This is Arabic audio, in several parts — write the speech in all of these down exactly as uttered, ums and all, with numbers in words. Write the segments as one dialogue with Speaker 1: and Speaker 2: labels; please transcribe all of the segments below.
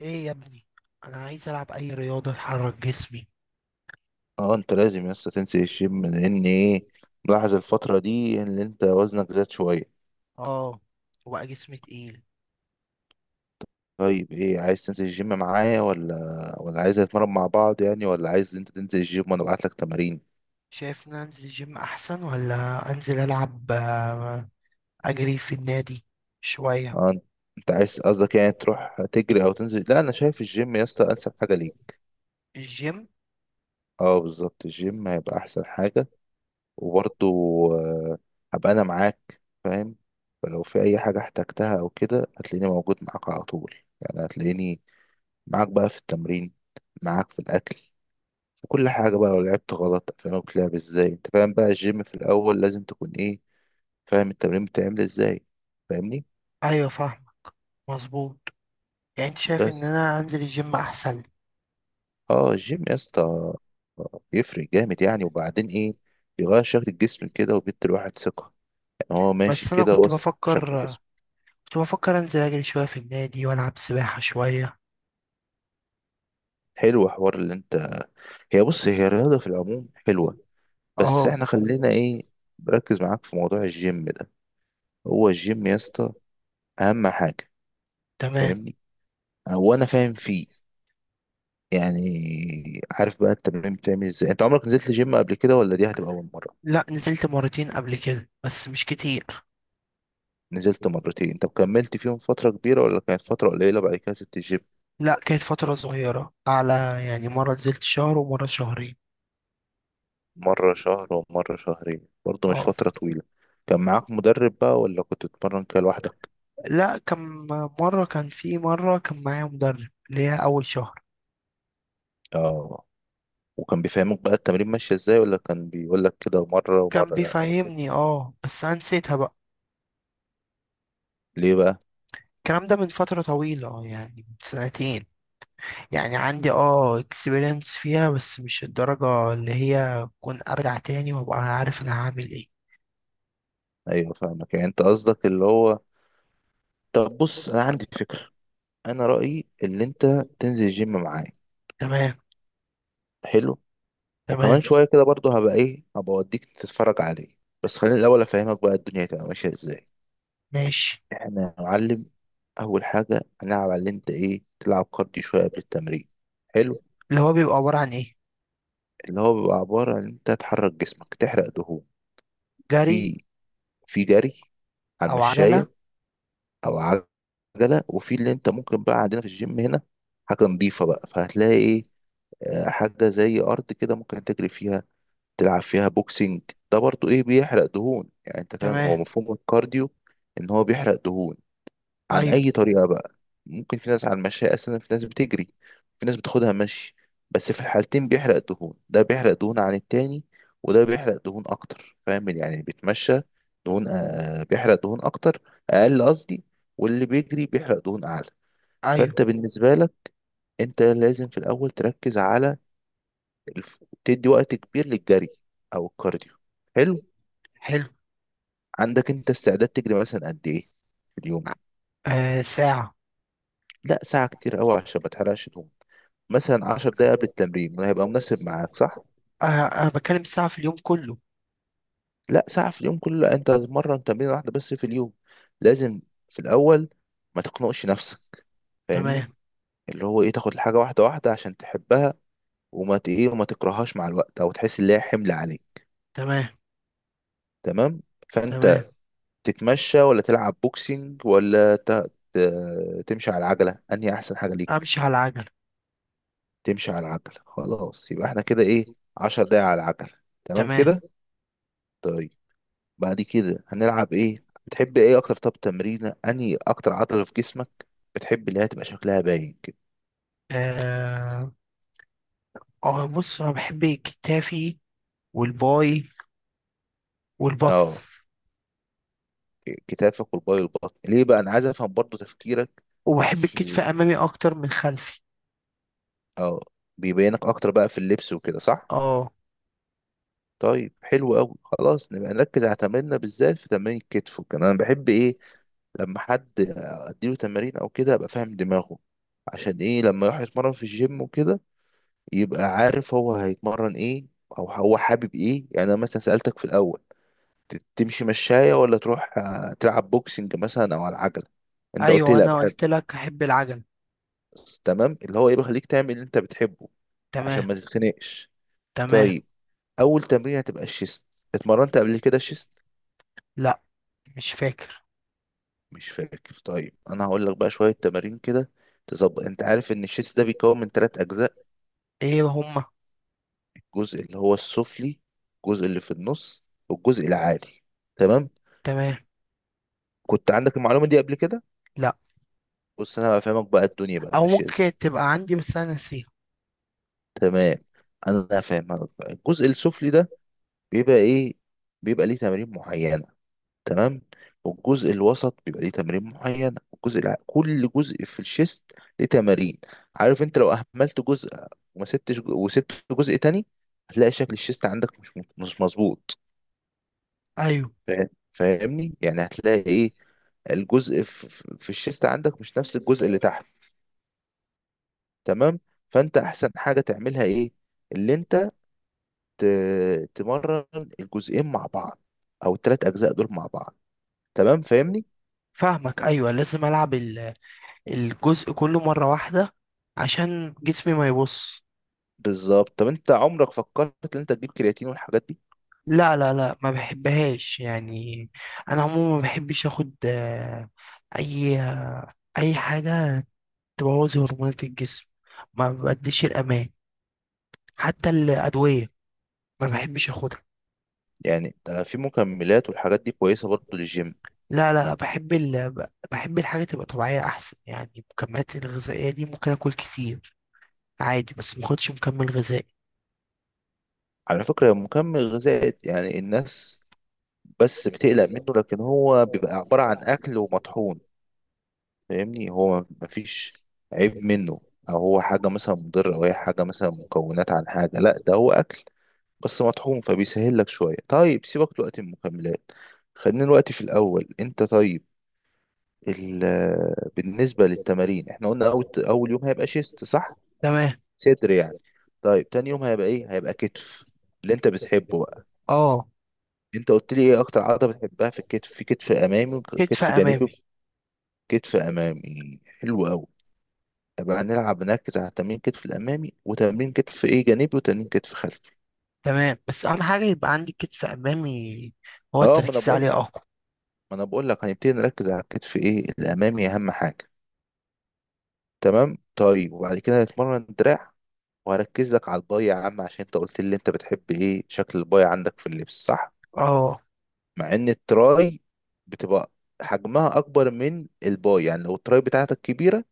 Speaker 1: ايه يا ابني؟ انا عايز العب اي رياضه تحرك جسمي.
Speaker 2: اه انت لازم لسه تنسي الجيم لان ايه، ملاحظ الفترة دي ان انت وزنك زاد شوية.
Speaker 1: اه. وبقى جسمي تقيل.
Speaker 2: طيب ايه، عايز تنزل الجيم معايا ولا ولا عايز نتمرن مع بعض يعني، ولا عايز انت تنزل الجيم وانا ابعت لك تمارين؟
Speaker 1: شايف ان أنا انزل الجيم احسن ولا انزل العب آه، اجري في النادي شويه.
Speaker 2: اه انت أنت عايز قصدك يعني تروح تجري او تنزل؟ لا انا شايف الجيم يا اسطى انسب حاجة ليك.
Speaker 1: الجيم.
Speaker 2: اه بالظبط، الجيم هيبقى احسن حاجة. وبرضه آه، هبقى انا معاك فاهم، فلو في اي حاجة احتجتها او كده هتلاقيني موجود معاك على طول. يعني هتلاقيني معاك بقى في التمرين، معاك في الأكل، في كل حاجة بقى. لو لعبت غلط أفهمك لعب ازاي، انت فاهم بقى الجيم في الأول لازم تكون ايه، فاهم التمرين بتعمل ازاي، فاهمني؟
Speaker 1: ايوه، فاهم. مظبوط. يعني انت شايف ان
Speaker 2: بس
Speaker 1: انا انزل الجيم احسن؟
Speaker 2: اه الجيم يا اسطى يفرق جامد يعني، وبعدين ايه، بيغير شكل الجسم كده وبيدي الواحد ثقة. يعني هو ماشي
Speaker 1: بس انا
Speaker 2: كده،
Speaker 1: كنت
Speaker 2: بص شكل
Speaker 1: بفكر
Speaker 2: الجسم.
Speaker 1: كنت بفكر انزل اجري شويه في النادي والعب سباحه شويه.
Speaker 2: حلو حوار اللي انت، هي بص هي الرياضة في العموم حلوة، بس
Speaker 1: اه.
Speaker 2: احنا خلينا ايه، بركز معاك في موضوع الجيم ده. هو الجيم يا اسطى أهم حاجة،
Speaker 1: تمام.
Speaker 2: فاهمني؟ هو انا فاهم فيه يعني، عارف بقى التمرين بتعمل ازاي؟ انت عمرك نزلت جيم قبل كده ولا دي هتبقى اول مره؟
Speaker 1: لا، نزلت مرتين قبل كده بس مش كتير.
Speaker 2: نزلت مرتين، طب كملت فيهم فتره كبيره ولا كانت فتره قليله بعد كده سبت الجيم؟
Speaker 1: لا، كانت فترة صغيرة، على يعني مرة نزلت شهر ومرة شهرين.
Speaker 2: مره شهر ومره شهرين برضه مش
Speaker 1: اه.
Speaker 2: فتره طويله. كان معاك مدرب بقى ولا كنت بتتمرن كده لوحدك؟
Speaker 1: لا، كم مرة كان في مرة كان معايا مدرب اللي هي أول شهر.
Speaker 2: اه، وكان بيفهمك بقى التمرين ماشي ازاي، ولا كان بيقول لك كده مره
Speaker 1: كان
Speaker 2: ومره لا أو كده؟
Speaker 1: بيفهمني، اه، بس أنا نسيتها بقى.
Speaker 2: ليه بقى؟
Speaker 1: الكلام ده من فترة طويلة، اه يعني من سنتين. يعني عندي اه اكسبيرينس فيها بس مش الدرجة اللي هي كون أرجع تاني وأبقى عارف أنا هعمل ايه.
Speaker 2: ايوه فاهمك، يعني انت قصدك اللي هو، طب بص انا عندي فكره. انا رايي اللي انت تنزل الجيم معايا.
Speaker 1: تمام.
Speaker 2: حلو.
Speaker 1: تمام.
Speaker 2: وكمان شوية كده برضه هبقى ايه، هبقى اوديك تتفرج عليه. بس خليني الأول أفهمك بقى الدنيا هتبقى ماشية ازاي.
Speaker 1: ماشي.
Speaker 2: احنا يا معلم أول حاجة هنلعب على اللي انت ايه، تلعب كارديو شوية قبل التمرين. حلو.
Speaker 1: اللي هو بيبقى عبارة عن ايه؟
Speaker 2: اللي هو بيبقى عبارة عن انت تحرك جسمك تحرق دهون.
Speaker 1: جري.
Speaker 2: في في جري على
Speaker 1: أو عجلة.
Speaker 2: المشاية، أو على العجلة. وفي اللي انت ممكن بقى عندنا في الجيم هنا حاجة نضيفة بقى، فهتلاقي ايه، آه، حاجة زي أرض كده ممكن تجري فيها، تلعب فيها بوكسنج. ده برضو ايه، بيحرق دهون. يعني انت فاهم
Speaker 1: تمام.
Speaker 2: هو مفهوم الكارديو، ان هو بيحرق دهون. عن
Speaker 1: أيوه،
Speaker 2: اي طريقة بقى؟ ممكن في ناس على المشاية اساسا، في ناس بتجري، في ناس بتاخدها مشي. بس في الحالتين بيحرق دهون. ده بيحرق دهون عن التاني، وده بيحرق دهون اكتر. فاهم؟ يعني اللي بيتمشى دهون آه بيحرق دهون اكتر، اقل قصدي. واللي بيجري بيحرق دهون اعلى. فانت
Speaker 1: أيوه.
Speaker 2: بالنسبة لك، انت لازم في الاول تركز على الف... تدي وقت كبير للجري او الكارديو. حلو.
Speaker 1: حلو.
Speaker 2: عندك انت استعداد تجري مثلا قد ايه في اليوم؟
Speaker 1: آه، ساعة.
Speaker 2: لا ساعة كتير قوي عشان ما تحرقش دهون. مثلا 10 دقايق قبل التمرين هيبقى مناسب معاك، صح؟
Speaker 1: أه. أنا بتكلم الساعة في اليوم كله.
Speaker 2: لا ساعة في اليوم كله، انت هتتمرن تمرين واحدة بس في اليوم. لازم في الاول ما تقنقش نفسك، فاهمني؟
Speaker 1: تمام.
Speaker 2: اللي هو ايه، تاخد الحاجة واحدة واحدة عشان تحبها، وما ت- ايه وما تكرههاش مع الوقت او تحس ان هي حمل عليك.
Speaker 1: تمام.
Speaker 2: تمام.
Speaker 1: تمام.
Speaker 2: فانت تتمشى ولا تلعب بوكسينج ولا ت... ت- تمشي على العجلة، انهي احسن حاجة ليك؟
Speaker 1: أمشي على العجلة.
Speaker 2: تمشي على العجلة، خلاص يبقى احنا كده ايه، عشر دقايق على العجلة، تمام
Speaker 1: تمام.
Speaker 2: كده. طيب بعد كده هنلعب ايه، بتحب ايه اكتر؟ طب تمرين انهي اكتر عضلة في جسمك بتحب اللي هي تبقى شكلها باين كده؟
Speaker 1: أه. أه، بص، أنا بحب كتافي. والباي. والبطن.
Speaker 2: اه كتافك والباي والبطن. ليه بقى؟ انا عايز افهم برضو تفكيرك.
Speaker 1: وبحب
Speaker 2: في
Speaker 1: الكتف
Speaker 2: ال-
Speaker 1: أمامي أكتر من خلفي.
Speaker 2: اه، بيبينك اكتر بقى في اللبس وكده، صح؟
Speaker 1: أه.
Speaker 2: طيب حلو قوي، خلاص نبقى نركز على تمريننا بالذات في تمرين الكتف وكده. انا بحب ايه، لما حد اديله تمارين او كده ابقى فاهم دماغه، عشان ايه، لما يروح يتمرن في الجيم وكده يبقى عارف هو هيتمرن ايه، او هو حابب ايه. يعني انا مثلا سألتك في الاول، ت- تمشي مشاية ولا تروح آه، تلعب بوكسنج مثلا او على العجلة، انت قلت لي
Speaker 1: أيوه،
Speaker 2: لا
Speaker 1: أنا
Speaker 2: بحب.
Speaker 1: قلت لك أحب العجلة.
Speaker 2: تمام، اللي هو ايه، بيخليك تعمل اللي انت بتحبه عشان
Speaker 1: تمام.
Speaker 2: ما تتخنقش.
Speaker 1: تمام.
Speaker 2: طيب اول تمرين هتبقى الشيست. اتمرنت قبل كده الشيست؟
Speaker 1: لأ. مش فاكر.
Speaker 2: مش فاكر؟ طيب انا هقول لك بقى شوية تمارين كده تظبط. انت عارف ان الشيست ده بيتكون من ثلاث اجزاء؟
Speaker 1: إيه هما؟
Speaker 2: الجزء اللي هو السفلي، الجزء اللي في النص، والجزء العالي، تمام؟
Speaker 1: تمام.
Speaker 2: كنت عندك المعلومة دي قبل كده؟
Speaker 1: لأ.
Speaker 2: بص انا هفهمك بقى الدنيا بقى
Speaker 1: أو
Speaker 2: ماشية ازاي.
Speaker 1: ممكن تبقى عندي بس أنا ناسيها.
Speaker 2: تمام. انا هفهمك بقى. الجزء السفلي ده بيبقى ايه، بيبقى ليه تمارين معينة، تمام؟ والجزء الوسط بيبقى ليه تمارين معينة، والجزء الع... كل جزء في الشيست ليه تمارين. عارف انت لو اهملت جزء وما سبتش جو- وسبت جزء تاني، هتلاقي شكل الشيست عندك مش مش مظبوط.
Speaker 1: أيوه،
Speaker 2: فاهم- فاهمني؟ يعني هتلاقي ايه، الجزء ف- ف- في الشيست عندك مش نفس الجزء اللي تحت، تمام؟ فانت احسن حاجة تعملها ايه، اللي انت ت- تمرن الجزئين مع بعض، او الثلاث اجزاء دول مع بعض، تمام فاهمني؟
Speaker 1: فاهمك. أيوه، لازم ألعب ال- الجزء كله مرة واحدة عشان جسمي ما يبص.
Speaker 2: بالظبط. طب انت عمرك فكرت ان انت تجيب كرياتين والحاجات دي؟
Speaker 1: لا، لا، لا، ما بحبهاش يعني. انا عموما ما بحبش اخد آه، اي اي حاجه تبوظ هرمونات الجسم. ما بديش الامان. حتى الادويه. ما بحبش اخدها.
Speaker 2: يعني ده في مكملات والحاجات دي كويسة برضه للجيم.
Speaker 1: لا، لا، لا، بحب ال... ب- بحب الحاجه تبقى طبيعيه احسن. يعني المكملات الغذائيه دي ممكن اكل كتير عادي بس ما اخدش مكمل غذائي.
Speaker 2: على فكرة مكمل غذائي يعني الناس بس
Speaker 1: بس
Speaker 2: بتقلق
Speaker 1: كده
Speaker 2: منه، لكن
Speaker 1: لو.
Speaker 2: هو
Speaker 1: هو
Speaker 2: بيبقى
Speaker 1: بيبقى
Speaker 2: عبارة
Speaker 1: عبارة
Speaker 2: عن
Speaker 1: عن
Speaker 2: اكل
Speaker 1: أكل
Speaker 2: ومطحون.
Speaker 1: ومية.
Speaker 2: فاهمني؟ هو مفيش عيب منه، او هو حاجه مثلا مضره او هي حاجه مثلا مكونات عن حاجه. لا ده هو اكل بس مطحون، فبيسهل لك شويه. طيب سيبك دلوقتي من المكملات، خلينا دلوقتي في الاول انت. طيب ال آه، بالنسبه للتمارين احنا قلنا اول اول يوم هيبقى شيست، صح؟
Speaker 1: تمام.
Speaker 2: صدر يعني. طيب تاني يوم هيبقى ايه، هيبقى كتف، اللي انت بتحبه بقى.
Speaker 1: اه.
Speaker 2: انت قلت لي ايه اكتر عضله بتحبها في الكتف، في كتف امامي
Speaker 1: كتف
Speaker 2: وكتف جانبي.
Speaker 1: امامي.
Speaker 2: وكتف امامي؟ حلو قوي. يبقى هنلعب نركز على تمرين كتف الامامي، وتمرين كتف ايه جانبي، وتمرين كتف خلفي.
Speaker 1: تمام، بس اهم حاجه يبقى عندي كتف امامي. هو
Speaker 2: اه ما انا
Speaker 1: التركيز
Speaker 2: بقول
Speaker 1: عليه اقوى.
Speaker 2: ما انا بقول لك هنبتدي نركز على الكتف ايه الامامي اهم حاجه. تمام. طيب وبعد كده هنتمرن دراع، وهركز لك على الباي يا عم عشان انت قلت لي انت بتحب ايه شكل الباي عندك في اللبس، صح؟
Speaker 1: اه.
Speaker 2: مع ان التراي بتبقى حجمها اكبر من الباي. يعني لو التراي بتاعتك كبيره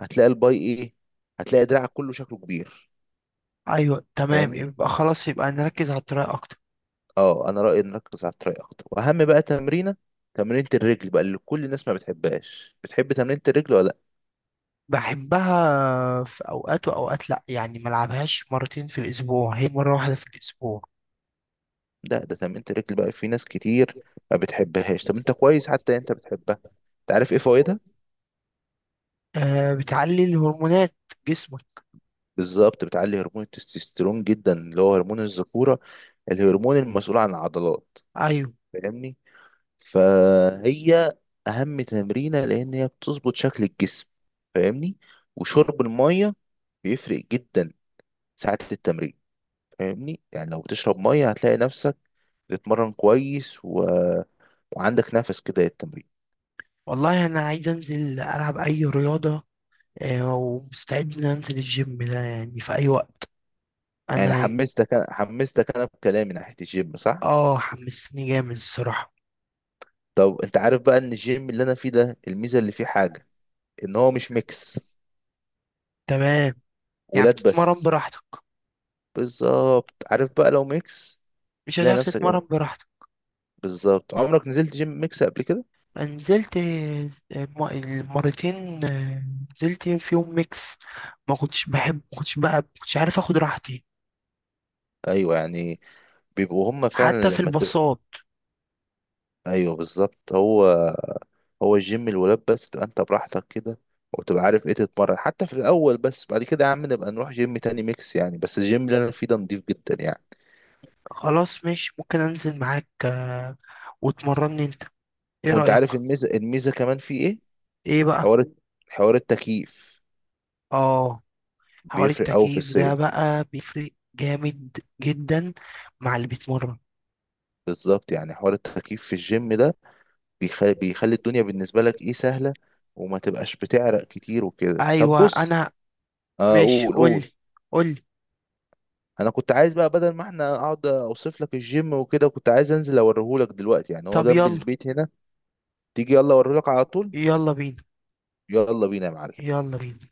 Speaker 2: هتلاقي الباي ايه، هتلاقي دراعك كله شكله كبير.
Speaker 1: ايوه، تمام،
Speaker 2: فاهمني؟
Speaker 1: يبقى خلاص، يبقى نركز على الطريقه اكتر.
Speaker 2: اه انا رأيي نركز على التراي اكتر، واهم بقى تمرينة، تمرينة الرجل بقى اللي كل الناس ما بتحبهاش. بتحب تمرينة الرجل ولا؟
Speaker 1: بحبها في اوقات واوقات لا، يعني ما العبهاش مرتين في الاسبوع، هي مره واحده في الاسبوع.
Speaker 2: لا ده ده تمرينة الرجل بقى في ناس كتير ما بتحبهاش. طب انت كويس حتى، انت بتحبها. انت عارف ايه فوائدها؟
Speaker 1: أه، بتعلي الهرمونات. جسمك.
Speaker 2: بالظبط، بتعلي هرمون التستوستيرون جدا، اللي هو هرمون الذكورة، الهرمون المسؤول عن العضلات،
Speaker 1: ايوه.
Speaker 2: فاهمني؟ فهي اهم تمرينة لان هي بتظبط شكل الجسم، فاهمني. وشرب المية بيفرق جدا ساعة التمرين، فاهمني. يعني لو بتشرب ميه هتلاقي نفسك بتتمرن كويس و... وعندك نفس كده للتمرين.
Speaker 1: والله انا عايز انزل العب اي رياضه. أه، ومستعد ان انزل الجيم ده يعني في اي وقت.
Speaker 2: يعني
Speaker 1: انا.
Speaker 2: حمستك، انا حمستك انا بكلامي ناحيه الجيم، صح؟
Speaker 1: اه، حمستني جامد الصراحه.
Speaker 2: طب انت عارف بقى ان الجيم اللي انا فيه ده الميزه اللي فيه حاجه، ان هو مش ميكس،
Speaker 1: تمام. يعني
Speaker 2: ولاد
Speaker 1: بتتمرن
Speaker 2: بس.
Speaker 1: براحتك.
Speaker 2: بالظبط. عارف بقى لو ميكس
Speaker 1: مش
Speaker 2: تلاقي
Speaker 1: هتعرف
Speaker 2: نفسك
Speaker 1: تتمرن
Speaker 2: ايه؟
Speaker 1: براحتك.
Speaker 2: بالظبط. عمرك نزلت جيم ميكس قبل كده؟
Speaker 1: نزلت. المرتين آه، نزلت فيهم ميكس. ما كنتش بحب، ما كنتش بقى، ما كنتش عارف اخد راحتي.
Speaker 2: ايوه يعني بيبقوا هما
Speaker 1: حتى
Speaker 2: فعلا
Speaker 1: في
Speaker 2: لما تبقى،
Speaker 1: الباصات.
Speaker 2: ايوه بالظبط. هو هو الجيم الولاد بس تبقى انت براحتك كده، وتبقى عارف ايه تتمرن حتى في الاول. بس بعد كده يا عم نبقى نروح جيم تاني ميكس يعني، بس الجيم اللي انا فيه ده نضيف جدا يعني.
Speaker 1: خلاص، مش ممكن انزل معاك آه، وتمرني انت؟ ايه
Speaker 2: وانت
Speaker 1: رأيك؟
Speaker 2: عارف الميزه، الميزه كمان فيه ايه،
Speaker 1: ايه بقى؟
Speaker 2: حوار، حوار التكييف.
Speaker 1: اه، حوار
Speaker 2: بيفرق قوي في
Speaker 1: التكييف ده
Speaker 2: الصيف.
Speaker 1: بقى بيفرق جامد جدا. مع اللي بيتمرن.
Speaker 2: بالظبط، يعني حوار التكييف في الجيم ده بيخلي بيخلي الدنيا بالنسبه لك ايه، سهله، وما تبقاش بتعرق كتير وكده. طب
Speaker 1: ايوه،
Speaker 2: بص،
Speaker 1: انا.
Speaker 2: اقول
Speaker 1: ماشي،
Speaker 2: قول
Speaker 1: قولي،
Speaker 2: قول.
Speaker 1: قولي.
Speaker 2: انا كنت عايز بقى بدل ما احنا اقعد اوصف لك الجيم وكده، كنت عايز انزل اوريهولك دلوقتي، يعني هو
Speaker 1: طب
Speaker 2: جنب
Speaker 1: يلا.
Speaker 2: البيت هنا. تيجي يلا اوريهولك على طول.
Speaker 1: يلا بينا.
Speaker 2: يلا بينا يا معلم.
Speaker 1: يلا بينا.